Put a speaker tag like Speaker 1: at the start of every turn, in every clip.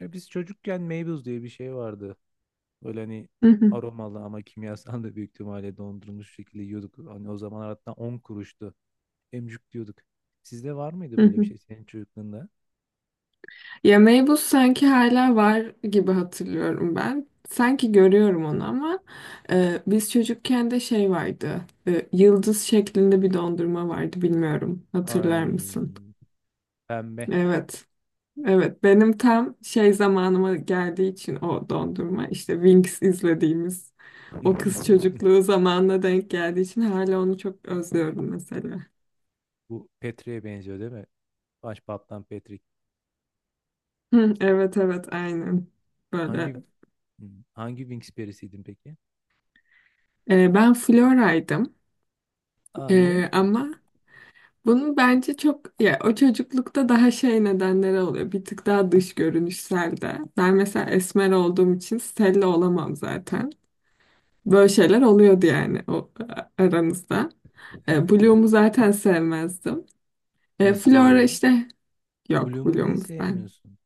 Speaker 1: Ya biz çocukken Meybuz diye bir şey vardı. Böyle hani
Speaker 2: Hı hı,
Speaker 1: aromalı ama kimyasal da büyük ihtimalle dondurulmuş şekilde yiyorduk. Hani o zaman hatta 10 kuruştu. Emcuk diyorduk. Sizde var mıydı
Speaker 2: hı
Speaker 1: böyle bir
Speaker 2: hı.
Speaker 1: şey senin çocukluğunda?
Speaker 2: Ya Meybus sanki hala var gibi hatırlıyorum ben. Sanki görüyorum onu ama biz çocukken de şey vardı. Yıldız şeklinde bir dondurma vardı bilmiyorum. Hatırlar mısın?
Speaker 1: Ay pembe.
Speaker 2: Evet. Evet. Benim tam şey zamanıma geldiği için o dondurma işte Wings izlediğimiz o kız çocukluğu zamanına denk geldiği için hala onu çok özlüyorum mesela.
Speaker 1: Bu Petri'ye benziyor değil mi? Başbaptan Petrik.
Speaker 2: Hı, evet evet aynen.
Speaker 1: Hangi
Speaker 2: Böyle.
Speaker 1: hmm, hangi Winx perisiydin peki?
Speaker 2: Ben Flora'ydım.
Speaker 1: Aa niye?
Speaker 2: Ama bunun bence çok ya o çocuklukta daha şey nedenleri oluyor. Bir tık daha dış görünüşsel de. Ben mesela esmer olduğum için Stella olamam zaten. Böyle şeyler oluyordu yani o aranızda. Bloom'u zaten sevmezdim.
Speaker 1: Nasıl
Speaker 2: Flora
Speaker 1: ya?
Speaker 2: işte yok
Speaker 1: Bloom'u niye
Speaker 2: Bloom'u ben.
Speaker 1: sevmiyorsun?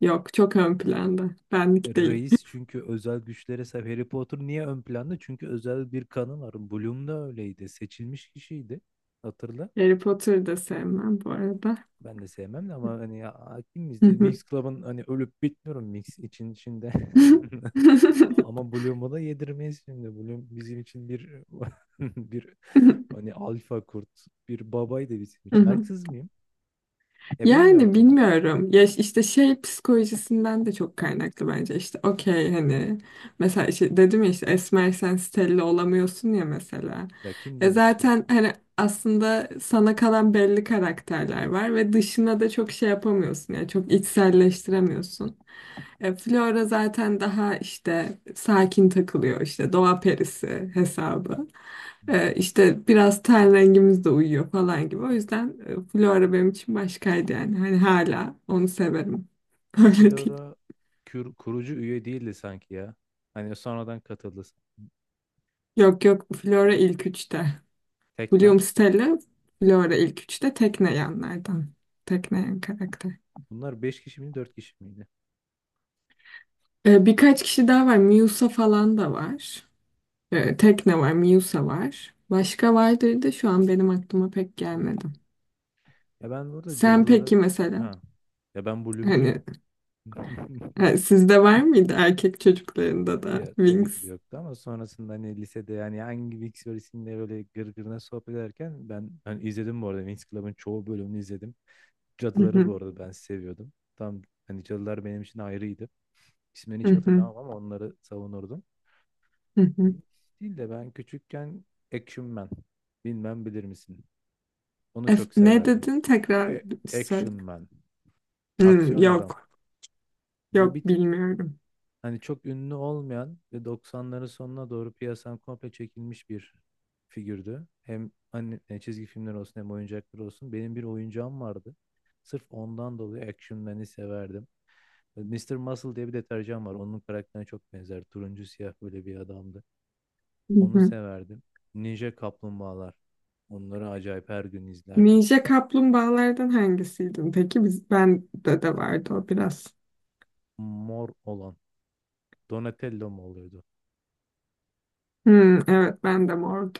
Speaker 2: Yok çok ön planda. Benlik değil.
Speaker 1: Reis çünkü özel güçlere sahip. Harry Potter niye ön planda? Çünkü özel bir kanı var. Bloom da öyleydi. Seçilmiş kişiydi. Hatırla.
Speaker 2: Harry Potter'ı da sevmem bu arada.
Speaker 1: Ben de sevmem de ama hani ya, hakim miyiz?
Speaker 2: Hı
Speaker 1: Winx Club'ın hani ölüp bitmiyorum Mix için içinde. Ama Bloom'u da yedirmeyiz şimdi. Bloom bizim için bir bir hani alfa kurt, bir babaydı bizim için.
Speaker 2: hı.
Speaker 1: Haksız mıyım? Ya bilmiyorum
Speaker 2: Yani
Speaker 1: tabii.
Speaker 2: bilmiyorum. Ya işte şey psikolojisinden de çok kaynaklı bence. İşte okey hani mesela işte dedim ya işte esmersen Stella olamıyorsun ya mesela.
Speaker 1: Ya kim
Speaker 2: E
Speaker 1: demiş ya?
Speaker 2: zaten hani aslında sana kalan belli karakterler var ve dışına da çok şey yapamıyorsun. Yani çok içselleştiremiyorsun. Flora zaten daha işte sakin takılıyor işte doğa perisi hesabı.
Speaker 1: Hmm.
Speaker 2: İşte biraz ten rengimiz de uyuyor falan gibi. O yüzden Flora benim için başkaydı yani. Hani hala onu severim.
Speaker 1: Ama
Speaker 2: Öyle değil.
Speaker 1: Flora kurucu üye değildi sanki ya. Hani sonradan katıldı sanki.
Speaker 2: Yok yok Flora ilk üçte.
Speaker 1: Tekna.
Speaker 2: William Stella Flora ilk üçte tekneyenlerden. Tekneyen karakter.
Speaker 1: Bunlar beş kişi miydi 4 kişi miydi?
Speaker 2: Birkaç kişi daha var. Miusa falan da var. Tekne var, Miusa var. Başka vardır da şu an benim aklıma pek
Speaker 1: Hmm.
Speaker 2: gelmedi.
Speaker 1: Ya ben burada
Speaker 2: Sen
Speaker 1: cadılara...
Speaker 2: peki mesela
Speaker 1: Ha. Ya ben bölümcüyüm.
Speaker 2: hani sizde var mıydı erkek çocuklarında da
Speaker 1: Ya tabii ki de
Speaker 2: Wings?
Speaker 1: yoktu ama sonrasında hani lisede yani hangi Winx Club'inde böyle gırgırına sohbet ederken ben hani izledim bu arada Winx Club'ın çoğu bölümünü izledim.
Speaker 2: Hı
Speaker 1: Cadıları
Speaker 2: hı,
Speaker 1: bu arada ben seviyordum. Tam hani cadılar benim için ayrıydı. İsmini
Speaker 2: hı
Speaker 1: hiç
Speaker 2: hı,
Speaker 1: hatırlamam ama onları savunurdum.
Speaker 2: hı hı.
Speaker 1: Winx değil de ben küçükken Action Man. Bilmem bilir misin? Onu çok
Speaker 2: Ne
Speaker 1: severdim.
Speaker 2: dedin tekrar
Speaker 1: E-
Speaker 2: söyle.
Speaker 1: Action Man.
Speaker 2: Hmm,
Speaker 1: Aksiyon adam.
Speaker 2: yok
Speaker 1: Bu bir
Speaker 2: yok
Speaker 1: tık.
Speaker 2: bilmiyorum.
Speaker 1: Hani çok ünlü olmayan ve 90'ların sonuna doğru piyasadan komple çekilmiş bir figürdü. Hem hani çizgi filmler olsun hem oyuncaklar olsun. Benim bir oyuncağım vardı. Sırf ondan dolayı Action Man'i severdim. Mister Muscle diye bir deterjan var. Onun karakterine çok benzer. Turuncu siyah böyle bir adamdı.
Speaker 2: Hı
Speaker 1: Onu
Speaker 2: hı.
Speaker 1: severdim. Ninja Kaplumbağalar. Onları acayip her gün izlerdim.
Speaker 2: Ninja kaplumbağalardan hangisiydin? Peki biz ben de de vardı o biraz.
Speaker 1: Mor olan. Donatello mu oluyordu?
Speaker 2: Hmm, evet ben de mor.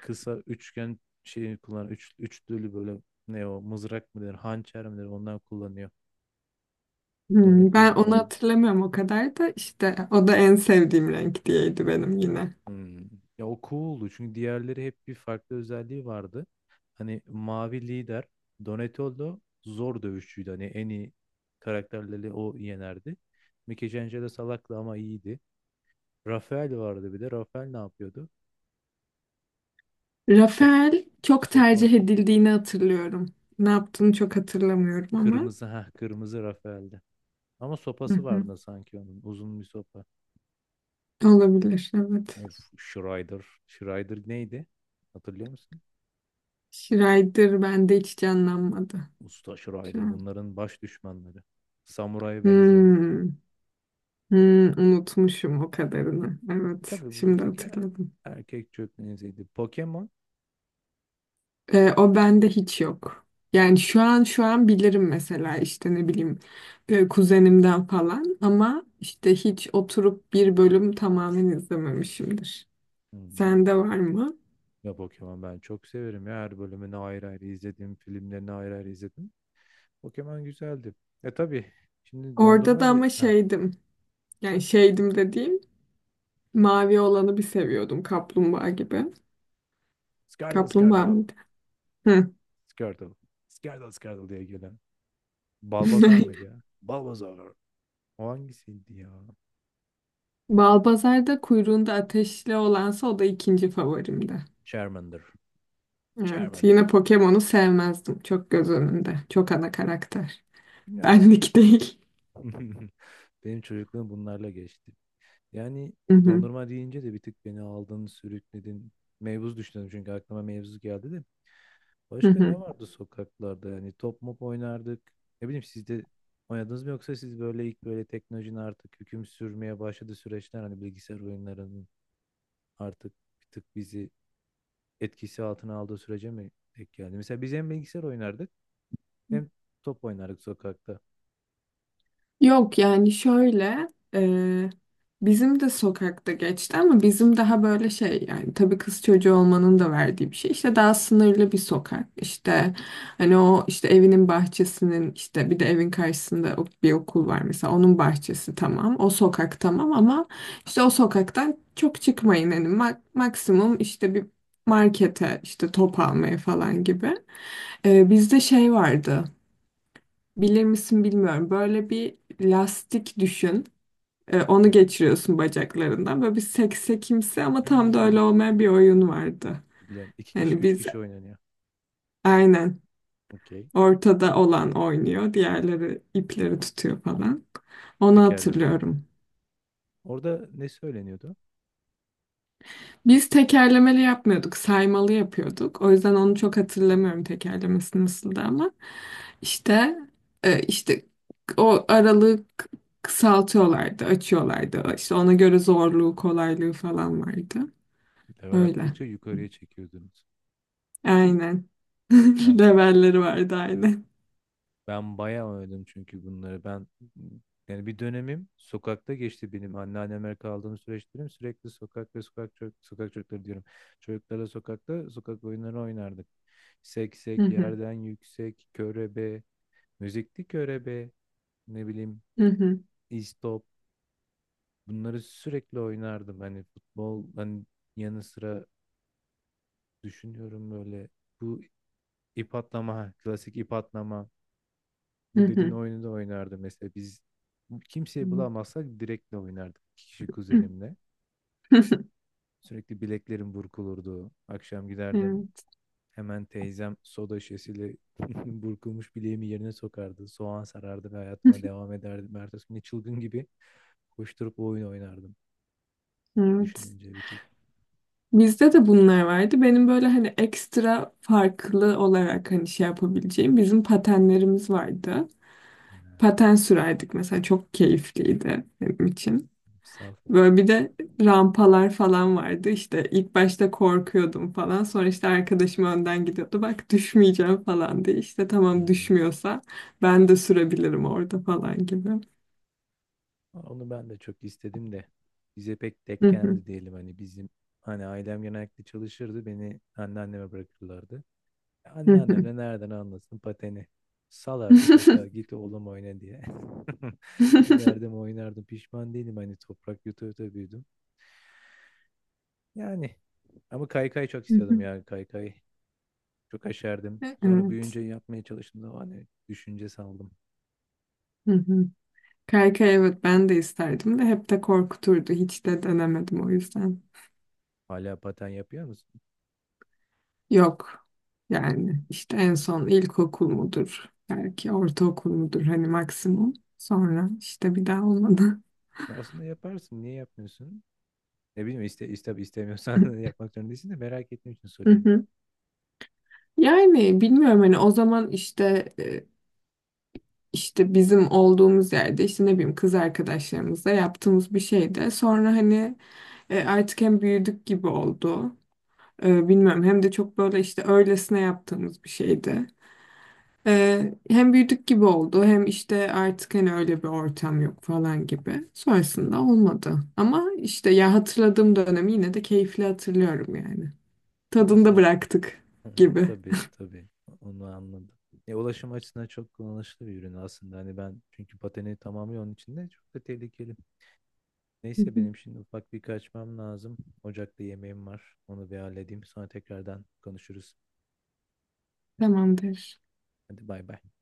Speaker 1: Kısa üçgen şeyi kullan, üçlülü böyle, ne o mızrak mı der hançer mi der ondan kullanıyor.
Speaker 2: Hmm, ben
Speaker 1: Donatello
Speaker 2: onu
Speaker 1: oldu.
Speaker 2: hatırlamıyorum o kadar da işte o da en sevdiğim renk diyeydi benim yine.
Speaker 1: Hmm. Ya o cool'du çünkü diğerleri hep bir farklı özelliği vardı. Hani mavi lider. Donatello zor dövüşçüydü. Hani en iyi karakterleri o yenerdi. Michelangelo salaktı ama iyiydi. Rafael vardı bir de. Rafael ne yapıyordu? Sop
Speaker 2: Rafael çok
Speaker 1: sopa.
Speaker 2: tercih edildiğini hatırlıyorum. Ne yaptığını çok hatırlamıyorum ama.
Speaker 1: Kırmızı, ha, kırmızı Rafael'di. Ama
Speaker 2: Hı
Speaker 1: sopası
Speaker 2: hı.
Speaker 1: vardı sanki onun. Uzun bir sopa.
Speaker 2: Olabilir, evet.
Speaker 1: Of Schrider. Schrider neydi? Hatırlıyor musun?
Speaker 2: Schrider bende hiç canlanmadı
Speaker 1: Usta
Speaker 2: şu
Speaker 1: Schrider
Speaker 2: an.
Speaker 1: bunların baş düşmanları. Samuraya benzeyen.
Speaker 2: Hmm, hmm, unutmuşum o kadarını.
Speaker 1: E
Speaker 2: Evet,
Speaker 1: tabii bu bir
Speaker 2: şimdi
Speaker 1: tek
Speaker 2: hatırladım.
Speaker 1: erkek çökmeziydi. Pokemon.
Speaker 2: O bende hiç yok. Yani şu an şu an bilirim mesela işte ne bileyim kuzenimden falan ama işte hiç oturup bir bölüm tamamen izlememişimdir.
Speaker 1: Hmm.
Speaker 2: Sende var mı?
Speaker 1: Ya Pokemon ben çok severim ya. Her bölümünü ayrı ayrı izledim. Filmlerini ayrı ayrı izledim. Pokemon güzeldi. E tabii. Şimdi
Speaker 2: Orada da
Speaker 1: dondurma da...
Speaker 2: ama
Speaker 1: Ha.
Speaker 2: şeydim. Yani şeydim dediğim mavi olanı bir seviyordum kaplumbağa gibi.
Speaker 1: Skardal
Speaker 2: Kaplumbağa
Speaker 1: Skardal.
Speaker 2: mıydı? Hı.
Speaker 1: Skardal. Skardal Skardal diye gelen. Balbazar mıydı ya? Balbazar. O hangisiydi ya?
Speaker 2: Balbazar'da kuyruğunda ateşli olansa o da ikinci favorimdi.
Speaker 1: Charmander.
Speaker 2: Evet,
Speaker 1: Charmander.
Speaker 2: yine Pokemon'u sevmezdim. Çok göz önünde. Çok ana karakter.
Speaker 1: Bilmiyorum ben.
Speaker 2: Benlik değil.
Speaker 1: Benim çocukluğum bunlarla geçti. Yani
Speaker 2: Hı hı,
Speaker 1: dondurma deyince de bir tık beni aldın, sürükledin. Mevzu düşündüm çünkü aklıma mevzu geldi de.
Speaker 2: hı
Speaker 1: Başka
Speaker 2: hı.
Speaker 1: ne vardı sokaklarda? Yani top mop oynardık. Ne bileyim siz de oynadınız mı yoksa siz böyle ilk böyle teknolojinin artık hüküm sürmeye başladığı süreçler hani bilgisayar oyunlarının artık bir tık bizi etkisi altına aldığı sürece mi denk geldi? Mesela biz hem bilgisayar oynardık hem top oynardık sokakta.
Speaker 2: Yok yani şöyle e, bizim de sokakta geçti ama bizim daha böyle şey yani tabii kız çocuğu olmanın da verdiği bir şey işte daha sınırlı bir sokak işte hani o işte evinin bahçesinin işte bir de evin karşısında bir okul var mesela onun bahçesi tamam o sokak tamam ama işte o sokaktan çok çıkmayın hani maksimum işte bir markete işte top almaya falan gibi. Bizde şey vardı. Bilir misin bilmiyorum. Böyle bir lastik düşün.
Speaker 1: Hı
Speaker 2: Onu
Speaker 1: hı.
Speaker 2: geçiriyorsun bacaklarından. Böyle bir seksekimsi ama tam da
Speaker 1: Hmm.
Speaker 2: öyle olmayan bir oyun vardı.
Speaker 1: Biliyorum. İki kişi,
Speaker 2: Yani
Speaker 1: üç
Speaker 2: biz
Speaker 1: kişi oynanıyor.
Speaker 2: aynen
Speaker 1: Okey.
Speaker 2: ortada olan oynuyor. Diğerleri ipleri tutuyor falan. Onu
Speaker 1: Tekerlemeli.
Speaker 2: hatırlıyorum.
Speaker 1: Orada ne söyleniyordu?
Speaker 2: Biz tekerlemeli yapmıyorduk, saymalı yapıyorduk. O yüzden onu çok hatırlamıyorum tekerlemesi nasıldı ama işte işte o aralığı kısaltıyorlardı, açıyorlardı. İşte ona göre zorluğu, kolaylığı falan vardı.
Speaker 1: Level
Speaker 2: Öyle.
Speaker 1: atladıkça yukarıya çekiyordunuz.
Speaker 2: Aynen.
Speaker 1: Ben
Speaker 2: Levelleri vardı aynen.
Speaker 1: ben bayağı oynadım çünkü bunları. Ben yani bir dönemim sokakta geçti benim anneanneme kaldığım süreçlerim sürekli sokak ve sokak çocuk, sokak çocukları diyorum. Çocuklarla sokakta sokak oyunları oynardık.
Speaker 2: Hı
Speaker 1: Seksek,
Speaker 2: hı.
Speaker 1: yerden yüksek, körebe, müzikli körebe, ne bileyim
Speaker 2: Hı hı.
Speaker 1: istop. Bunları sürekli oynardım. Hani futbol hani yanı sıra düşünüyorum böyle bu ip atlama, ha, klasik ip atlama.
Speaker 2: Hı
Speaker 1: Bu dediğin
Speaker 2: hı.
Speaker 1: oyunu da oynardı mesela biz kimseyi bulamazsak direktle oynardık iki kişi,
Speaker 2: Hı.
Speaker 1: kuzenimle. Sürekli bileklerim burkulurdu. Akşam giderdim
Speaker 2: Evet.
Speaker 1: hemen teyzem soda şişesiyle burkulmuş bileğimi yerine sokardı. Soğan sarardı ve hayatıma devam ederdim. Ertesi gün çılgın gibi koşturup oyun oynardım.
Speaker 2: Evet.
Speaker 1: Düşününce bir tık.
Speaker 2: Bizde de bunlar vardı. Benim böyle hani ekstra farklı olarak hani şey yapabileceğim bizim patenlerimiz vardı.
Speaker 1: e,
Speaker 2: Paten sürerdik mesela çok keyifliydi benim için.
Speaker 1: sal.
Speaker 2: Böyle bir de rampalar falan vardı. İşte ilk başta korkuyordum falan. Sonra işte arkadaşım önden gidiyordu. Bak düşmeyeceğim falan diye. İşte
Speaker 1: Hı
Speaker 2: tamam
Speaker 1: hı.
Speaker 2: düşmüyorsa ben de sürebilirim orada falan gibi.
Speaker 1: Onu ben de çok istedim de bize pek denk
Speaker 2: Hı hı,
Speaker 1: gelmedi diyelim hani bizim hani ailem genellikle çalışırdı, beni anneanneme bırakırlardı.
Speaker 2: hı
Speaker 1: Anneannem
Speaker 2: hı.
Speaker 1: de nereden anlasın pateni. Salardı sokağa git oğlum oyna diye. Giderdim oynardım pişman değilim hani toprak yuta yuta büyüdüm. Yani ama kaykay çok istiyordum ya kaykay. Çok aşerdim. Sonra
Speaker 2: Evet.
Speaker 1: büyüyünce yapmaya çalıştım da hani düşünce saldım.
Speaker 2: Kaykay evet ben de isterdim de hep de korkuturdu. Hiç de denemedim o yüzden.
Speaker 1: Hala paten yapıyor musun?
Speaker 2: Yok. Yani işte en son ilkokul mudur? Belki ortaokul mudur hani maksimum. Sonra işte bir daha olmadı.
Speaker 1: Aslında yaparsın niye yapmıyorsun? Ne bileyim istemiyorsan yapmak zorunda değilsin de merak ettiğim için
Speaker 2: Hı
Speaker 1: soruyorum.
Speaker 2: hı. Yani bilmiyorum hani o zaman işte işte bizim olduğumuz yerde işte ne bileyim kız arkadaşlarımızla yaptığımız bir şeydi. Sonra hani artık hem büyüdük gibi oldu. Bilmiyorum hem de çok böyle işte öylesine yaptığımız bir şeydi. Hem büyüdük gibi oldu hem işte artık hani öyle bir ortam yok falan gibi. Sonrasında olmadı. Ama işte ya hatırladığım dönemi yine de keyifli hatırlıyorum yani.
Speaker 1: Ya
Speaker 2: Tadında
Speaker 1: aslında işte,
Speaker 2: bıraktık
Speaker 1: hı,
Speaker 2: gibi.
Speaker 1: tabii tabii onu anladım. Ya ulaşım açısından çok kullanışlı bir ürün aslında. Hani ben çünkü pateni tamamı onun içinde çok da tehlikeli.
Speaker 2: Hı
Speaker 1: Neyse
Speaker 2: hı.
Speaker 1: benim şimdi ufak bir kaçmam lazım. Ocakta yemeğim var. Onu bir halledeyim. Sonra tekrardan konuşuruz.
Speaker 2: Tamamdır.
Speaker 1: Hadi bay bay.